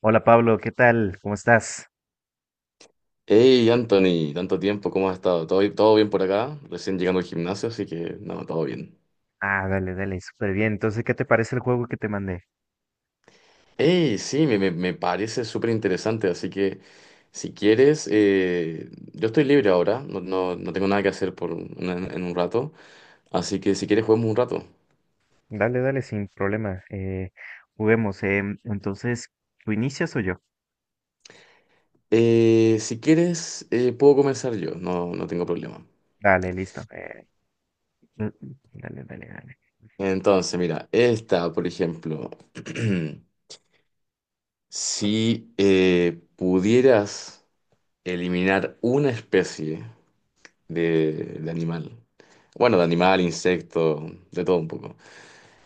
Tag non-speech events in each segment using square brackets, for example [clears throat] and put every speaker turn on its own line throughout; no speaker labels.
Hola Pablo, ¿qué tal? ¿Cómo estás?
Hey Anthony, tanto tiempo, ¿cómo has estado? ¿Todo, todo bien por acá? Recién llegando al gimnasio, así que no, todo bien.
Ah, dale, dale, súper bien. Entonces, ¿qué te parece el juego que te mandé?
Hey, sí, me parece súper interesante, así que si quieres, yo estoy libre ahora, no tengo nada que hacer en un rato, así que si quieres juguemos un rato.
Dale, dale, sin problema. Juguemos. Entonces, ¿tú inicias o yo?
Si quieres, puedo comenzar yo, no tengo problema.
Dale, listo. Dale, dale, dale.
Entonces, mira, esta, por ejemplo, [clears throat] si pudieras eliminar una especie, de, de animal. Bueno, de animal, insecto, de todo un poco.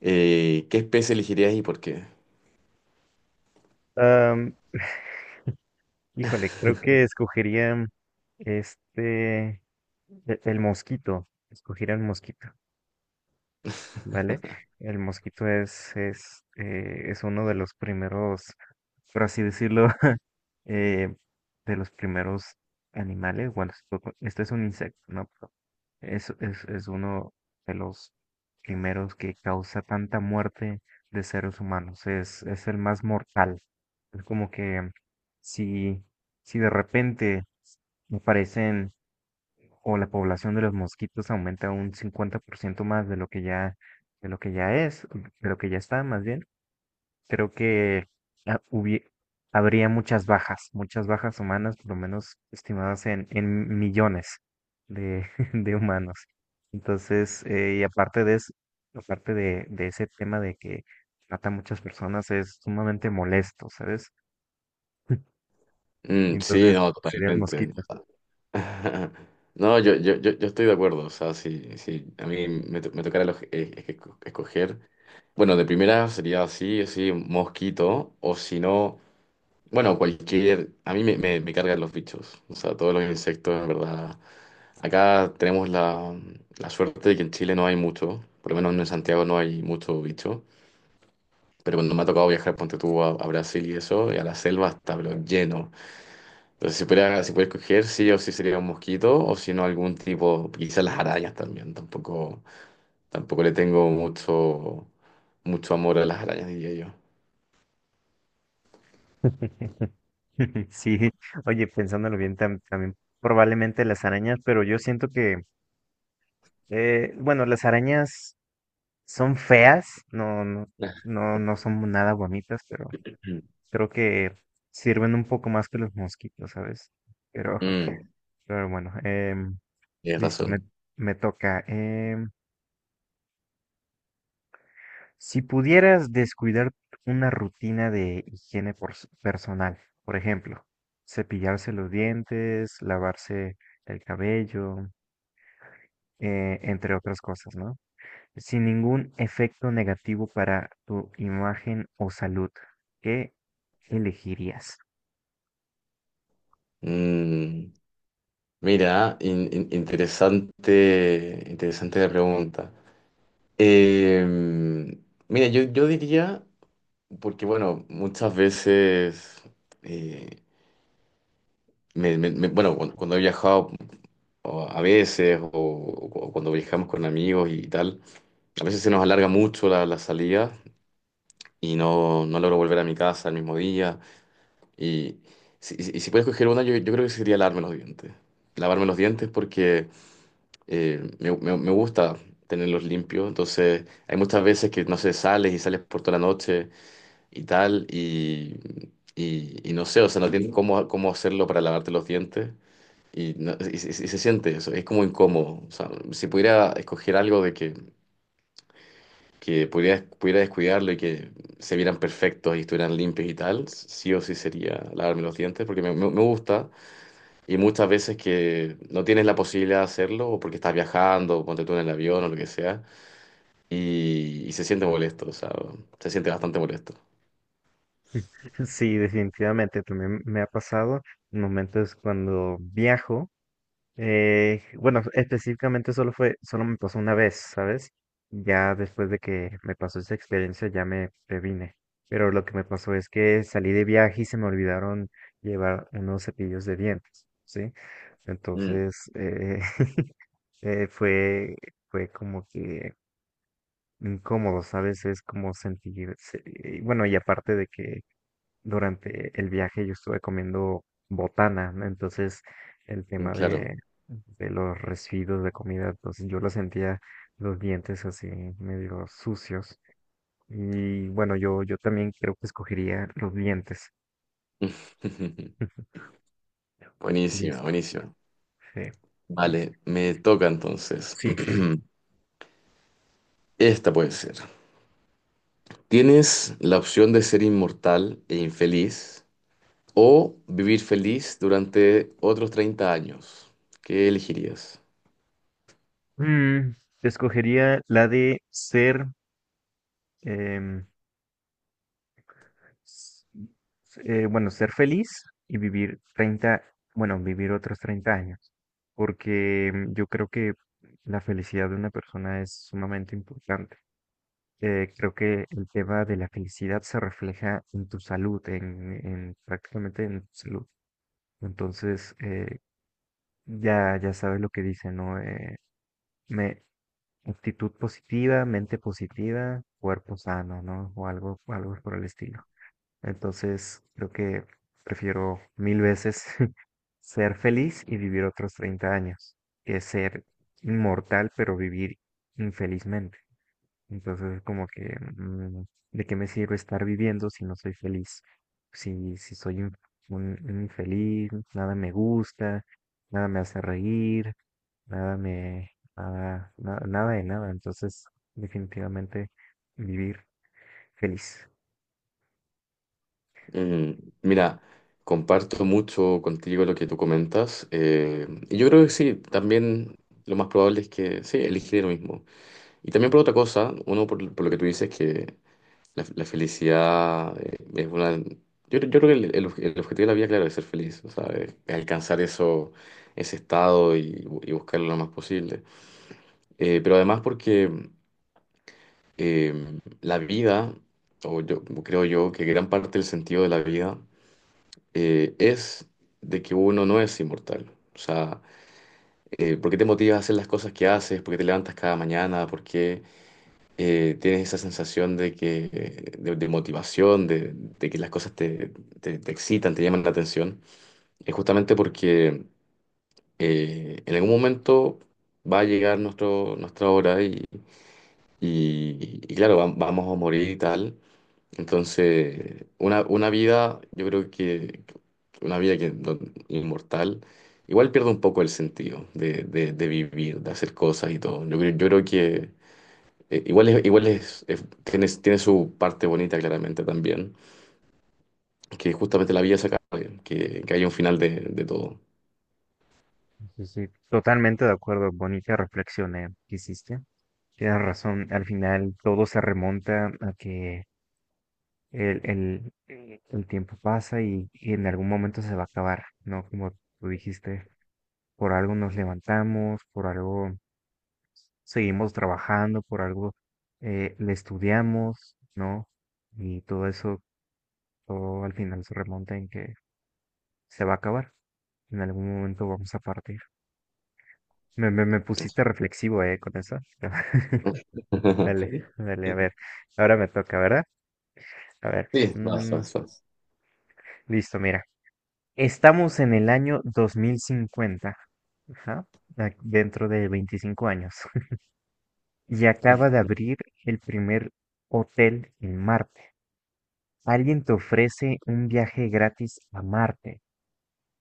¿Qué especie elegirías y por qué?
Am, Híjole, creo que escogería este, el mosquito. Escogería el mosquito, ¿vale? El mosquito es uno de los primeros, por así decirlo, eh, de los primeros animales. Bueno, esto es un insecto, ¿no? Pero es uno de los primeros que causa tanta muerte de seres humanos. Es el más mortal. Es como que si, si de repente aparecen o la población de los mosquitos aumenta un 50% más de lo que ya, de lo que ya es, de lo que ya está más bien, creo que ah, hubie- habría muchas bajas humanas, por lo menos estimadas en millones de, [laughs] de humanos. Entonces, y aparte de eso, aparte de ese tema de que mata a muchas personas, es sumamente molesto, ¿sabes? [laughs]
Mm, sí,
Entonces,
no,
sería el
totalmente.
mosquito.
[laughs] No, yo estoy de acuerdo. O sea, si a mí me tocara es que escoger. Bueno, de primera sería así, así, mosquito, o si no, bueno, cualquier. A mí me cargan los bichos. O sea, todos los insectos, en verdad. Acá tenemos la suerte de que en Chile no hay mucho, por lo menos en Santiago no hay mucho bicho. Pero cuando me ha tocado viajar, ponte tú a Brasil y eso, y a la selva está, pero lleno. Entonces, si pudiera escoger, sí o sí sería un mosquito, o si no, algún tipo, quizás las arañas también. Tampoco le tengo mucho, mucho amor a las arañas, diría yo.
[laughs] [laughs] Sí, oye, pensándolo bien, tam- también probablemente las arañas, pero yo siento que, bueno, las arañas son feas, no, no,
[laughs]
no, no son nada bonitas, pero
[clears throat]
creo que sirven un poco más que los mosquitos, ¿sabes? Pero, [laughs]
Mm,
pero bueno,
tienes
listo,
razón.
me toca. Si pudieras descuidar una rutina de higiene personal, por ejemplo, cepillarse los dientes, lavarse el cabello, entre otras cosas, ¿no? Sin ningún efecto negativo para tu imagen o salud. ¿Qué elegirías?
Mm, Mira, interesante, interesante la pregunta. Em, Mira, yo diría, porque bueno, muchas veces eh, bueno, cuando he viajado o a veces o cuando viajamos con amigos y tal, a veces se nos alarga mucho la salida y no logro volver a mi casa el mismo día. Y si, y si puedes coger una, yo creo que sería lavarme los dientes. Lavarme los dientes porque me gusta tenerlos limpios. Entonces, hay muchas veces que, no sé, sales y sales por toda la noche y tal, y no sé, o sea, no tienes cómo hacerlo para lavarte los dientes. Y se siente eso, es como incómodo. O sea, si pudiera escoger algo de que pudiera descuidarlo y que se vieran perfectos y estuvieran limpios y tal, sí o sí sería lavarme los dientes, porque me gusta. Y muchas veces que no tienes la posibilidad de hacerlo, o porque estás viajando, o ponte tú en el avión o lo que sea, y se siente molesto, o sea, se siente bastante molesto.
[laughs] Sí, definitivamente también me ha pasado en momentos cuando viajo. Bueno, específicamente solo me pasó una vez, ¿sabes? Ya después de que me pasó esa experiencia ya me previne. Pero lo que me pasó es que salí de viaje y se me olvidaron llevar unos cepillos de dientes, ¿sí?
Mm,
Entonces, [laughs] eh, fue, fue como que incómodo, ¿sabes? Es como sentir, se- y bueno, y aparte de que durante el viaje yo estuve comiendo botana, ¿no? Entonces el
mm,
tema
claro.
de los residuos de comida, entonces yo lo sentía los dientes así medio sucios. Y bueno, yo también creo que escogería los dientes.
[laughs]
[laughs]
Buenísima,
Listo,
buenísima.
sí,
Vale,
listo.
me toca entonces.
Sí, sí, sí.
[clears throat] Esta puede ser. Tienes la opción de ser inmortal e infeliz o vivir feliz durante otros 30 años. ¿Qué elegirías?
Mm, escogería la de ser, em, s- bueno, ser feliz y vivir 30 bueno, vivir otros 30 años, porque mm, yo creo que la felicidad de una persona es sumamente importante. Creo que el tema de la felicidad se refleja en tu salud, en prácticamente en tu salud. Entonces, ya, ya sabes lo que dice, ¿no? Me, actitud positiva, mente positiva, cuerpo sano, ¿no? O algo, algo por el estilo. Entonces, creo que prefiero mil veces [laughs] ser feliz y vivir otros 30 años que ser inmortal pero vivir infelizmente. Entonces, es como que, mm, ¿de qué me sirve estar viviendo si no soy feliz? Si soy un infeliz, nada me gusta, nada me hace reír, nada me, nada de nada. Entonces, definitivamente vivir feliz.
Mm, Mira, comparto mucho contigo lo que tú comentas. Y yo creo que sí, también lo más probable es que sí, elegiré lo mismo. Y también por otra cosa, uno por lo que tú dices, que la felicidad es una. Yo creo que el objetivo de la vida, claro, es ser feliz, o sea, es alcanzar eso, ese estado y buscarlo lo más posible. Pero además porque la vida, o yo creo yo que gran parte del sentido de la vida es de que uno no es inmortal. O sea, ¿por qué te motivas a hacer las cosas que haces? ¿Por qué te levantas cada mañana? ¿Por qué? Tienes esa sensación de que, de motivación, de que las cosas te excitan, te llaman la atención, es justamente porque en algún momento va a llegar nuestra hora y claro, vamos a morir y tal. Entonces, una vida, yo creo que una vida que, no- inmortal, igual pierde un poco el sentido de vivir, de hacer cosas y todo. Yo creo que tiene su parte bonita claramente también, que justamente la vida se acabe, que haya un final de todo.
Sí, sí, totalmente de acuerdo. Bonita reflexión que hiciste. Tienes razón. Al final todo se remonta a que el tiempo pasa y en algún momento se va a acabar, ¿no? Como tú dijiste, por algo nos levantamos, por algo seguimos trabajando, por algo le estudiamos, ¿no? Y todo eso, todo al final se remonta en que se va a acabar. En algún momento vamos a partir. Me pusiste reflexivo, con eso. [laughs] Dale,
[laughs]
dale, a ver. Ahora me toca, ¿verdad? A ver.
Sí, vas, vas, vas.
Listo, mira. Estamos en el año 2050. Ajá. a- Dentro de 25 años. [laughs] Y acaba de abrir
[laughs]
el primer hotel en Marte. Alguien te ofrece un viaje gratis a Marte.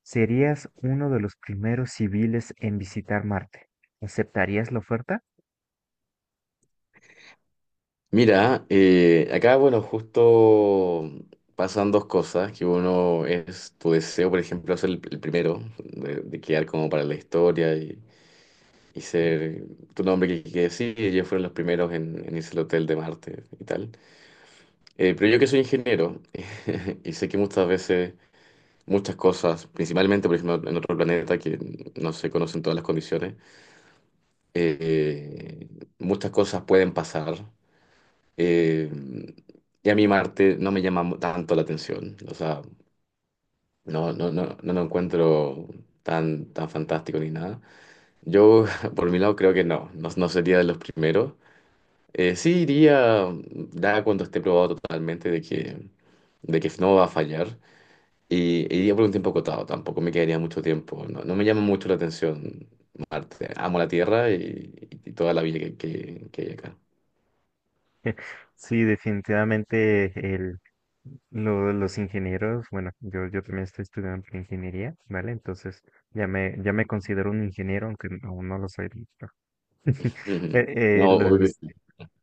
Serías uno de los primeros civiles en visitar Marte. ¿Aceptarías la oferta?
Mira, acá, bueno, justo pasan dos cosas, que uno es tu deseo, por ejemplo, ser el primero, de quedar como para la historia y ser tu nombre que sí, ellos fueron los primeros en irse al hotel de Marte y tal. Pero yo que soy ingeniero [laughs] y sé que muchas veces muchas cosas, principalmente, por ejemplo, en otro planeta que no se conocen todas las condiciones. Eh, Muchas cosas pueden pasar. Eh, y a mí Marte no me llama tanto la atención. O sea, no lo encuentro tan, tan fantástico ni nada. Yo, [laughs] por mi lado, creo que no sería de los primeros. Sí iría, ya cuando esté probado totalmente de que no va a fallar. Y iría por un tiempo acotado, tampoco me quedaría mucho tiempo. No, no me llama mucho la atención Marte. Amo la Tierra y toda la vida que hay acá.
[laughs] Sí, definitivamente el, los ingenieros, bueno, yo también estoy estudiando ingeniería, ¿vale? Entonces ya me considero un ingeniero, aunque aún no lo soy del todo. [laughs]
Ujú.
Eh, eh,
No,
lo-
obvio
los,
que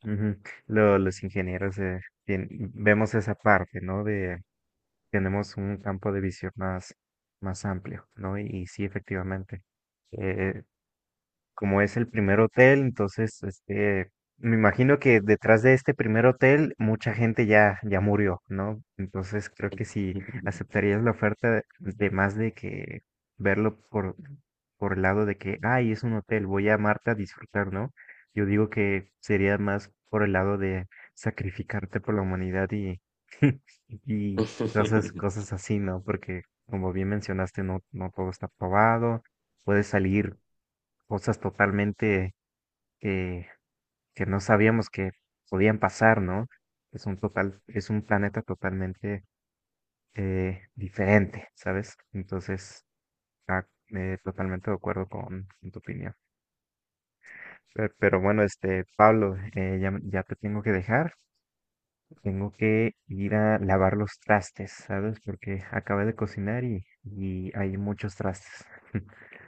ujú, los ingenieros vemos esa parte, ¿no? De tenemos un campo de visión más, más amplio, ¿no? Y sí, efectivamente. eh, Como es el primer hotel, entonces, este, me imagino que detrás de este primer hotel mucha gente ya murió, ¿no? Entonces creo que si aceptarías la oferta de más de que verlo por el lado de que, ay, es un hotel, voy a amarte a disfrutar, ¿no? Yo digo que sería más por el lado de sacrificarte por la humanidad y cosas,
sí. [laughs]
cosas así, ¿no? Porque como bien mencionaste, no, no todo está probado, puede salir cosas totalmente que, que no sabíamos que podían pasar, ¿no? Es un total, es un planeta totalmente diferente, ¿sabes? Entonces, ah, totalmente de acuerdo con tu opinión. Pe- Pero, bueno, este, Pablo, ya, ya te tengo que dejar, tengo que ir a lavar los trastes, ¿sabes? Porque acabé de cocinar y hay muchos trastes. [laughs]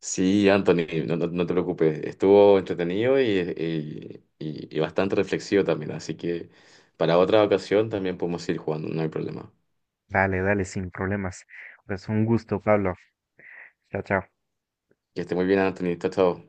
Sí, Anthony, no te preocupes. Estuvo entretenido y bastante reflexivo también. Así que para otra ocasión también podemos ir jugando, no hay problema.
Dale, dale, sin problemas. Pues un gusto, Pablo. Chao, chao.
Que esté muy bien, Anthony. Chao, chao.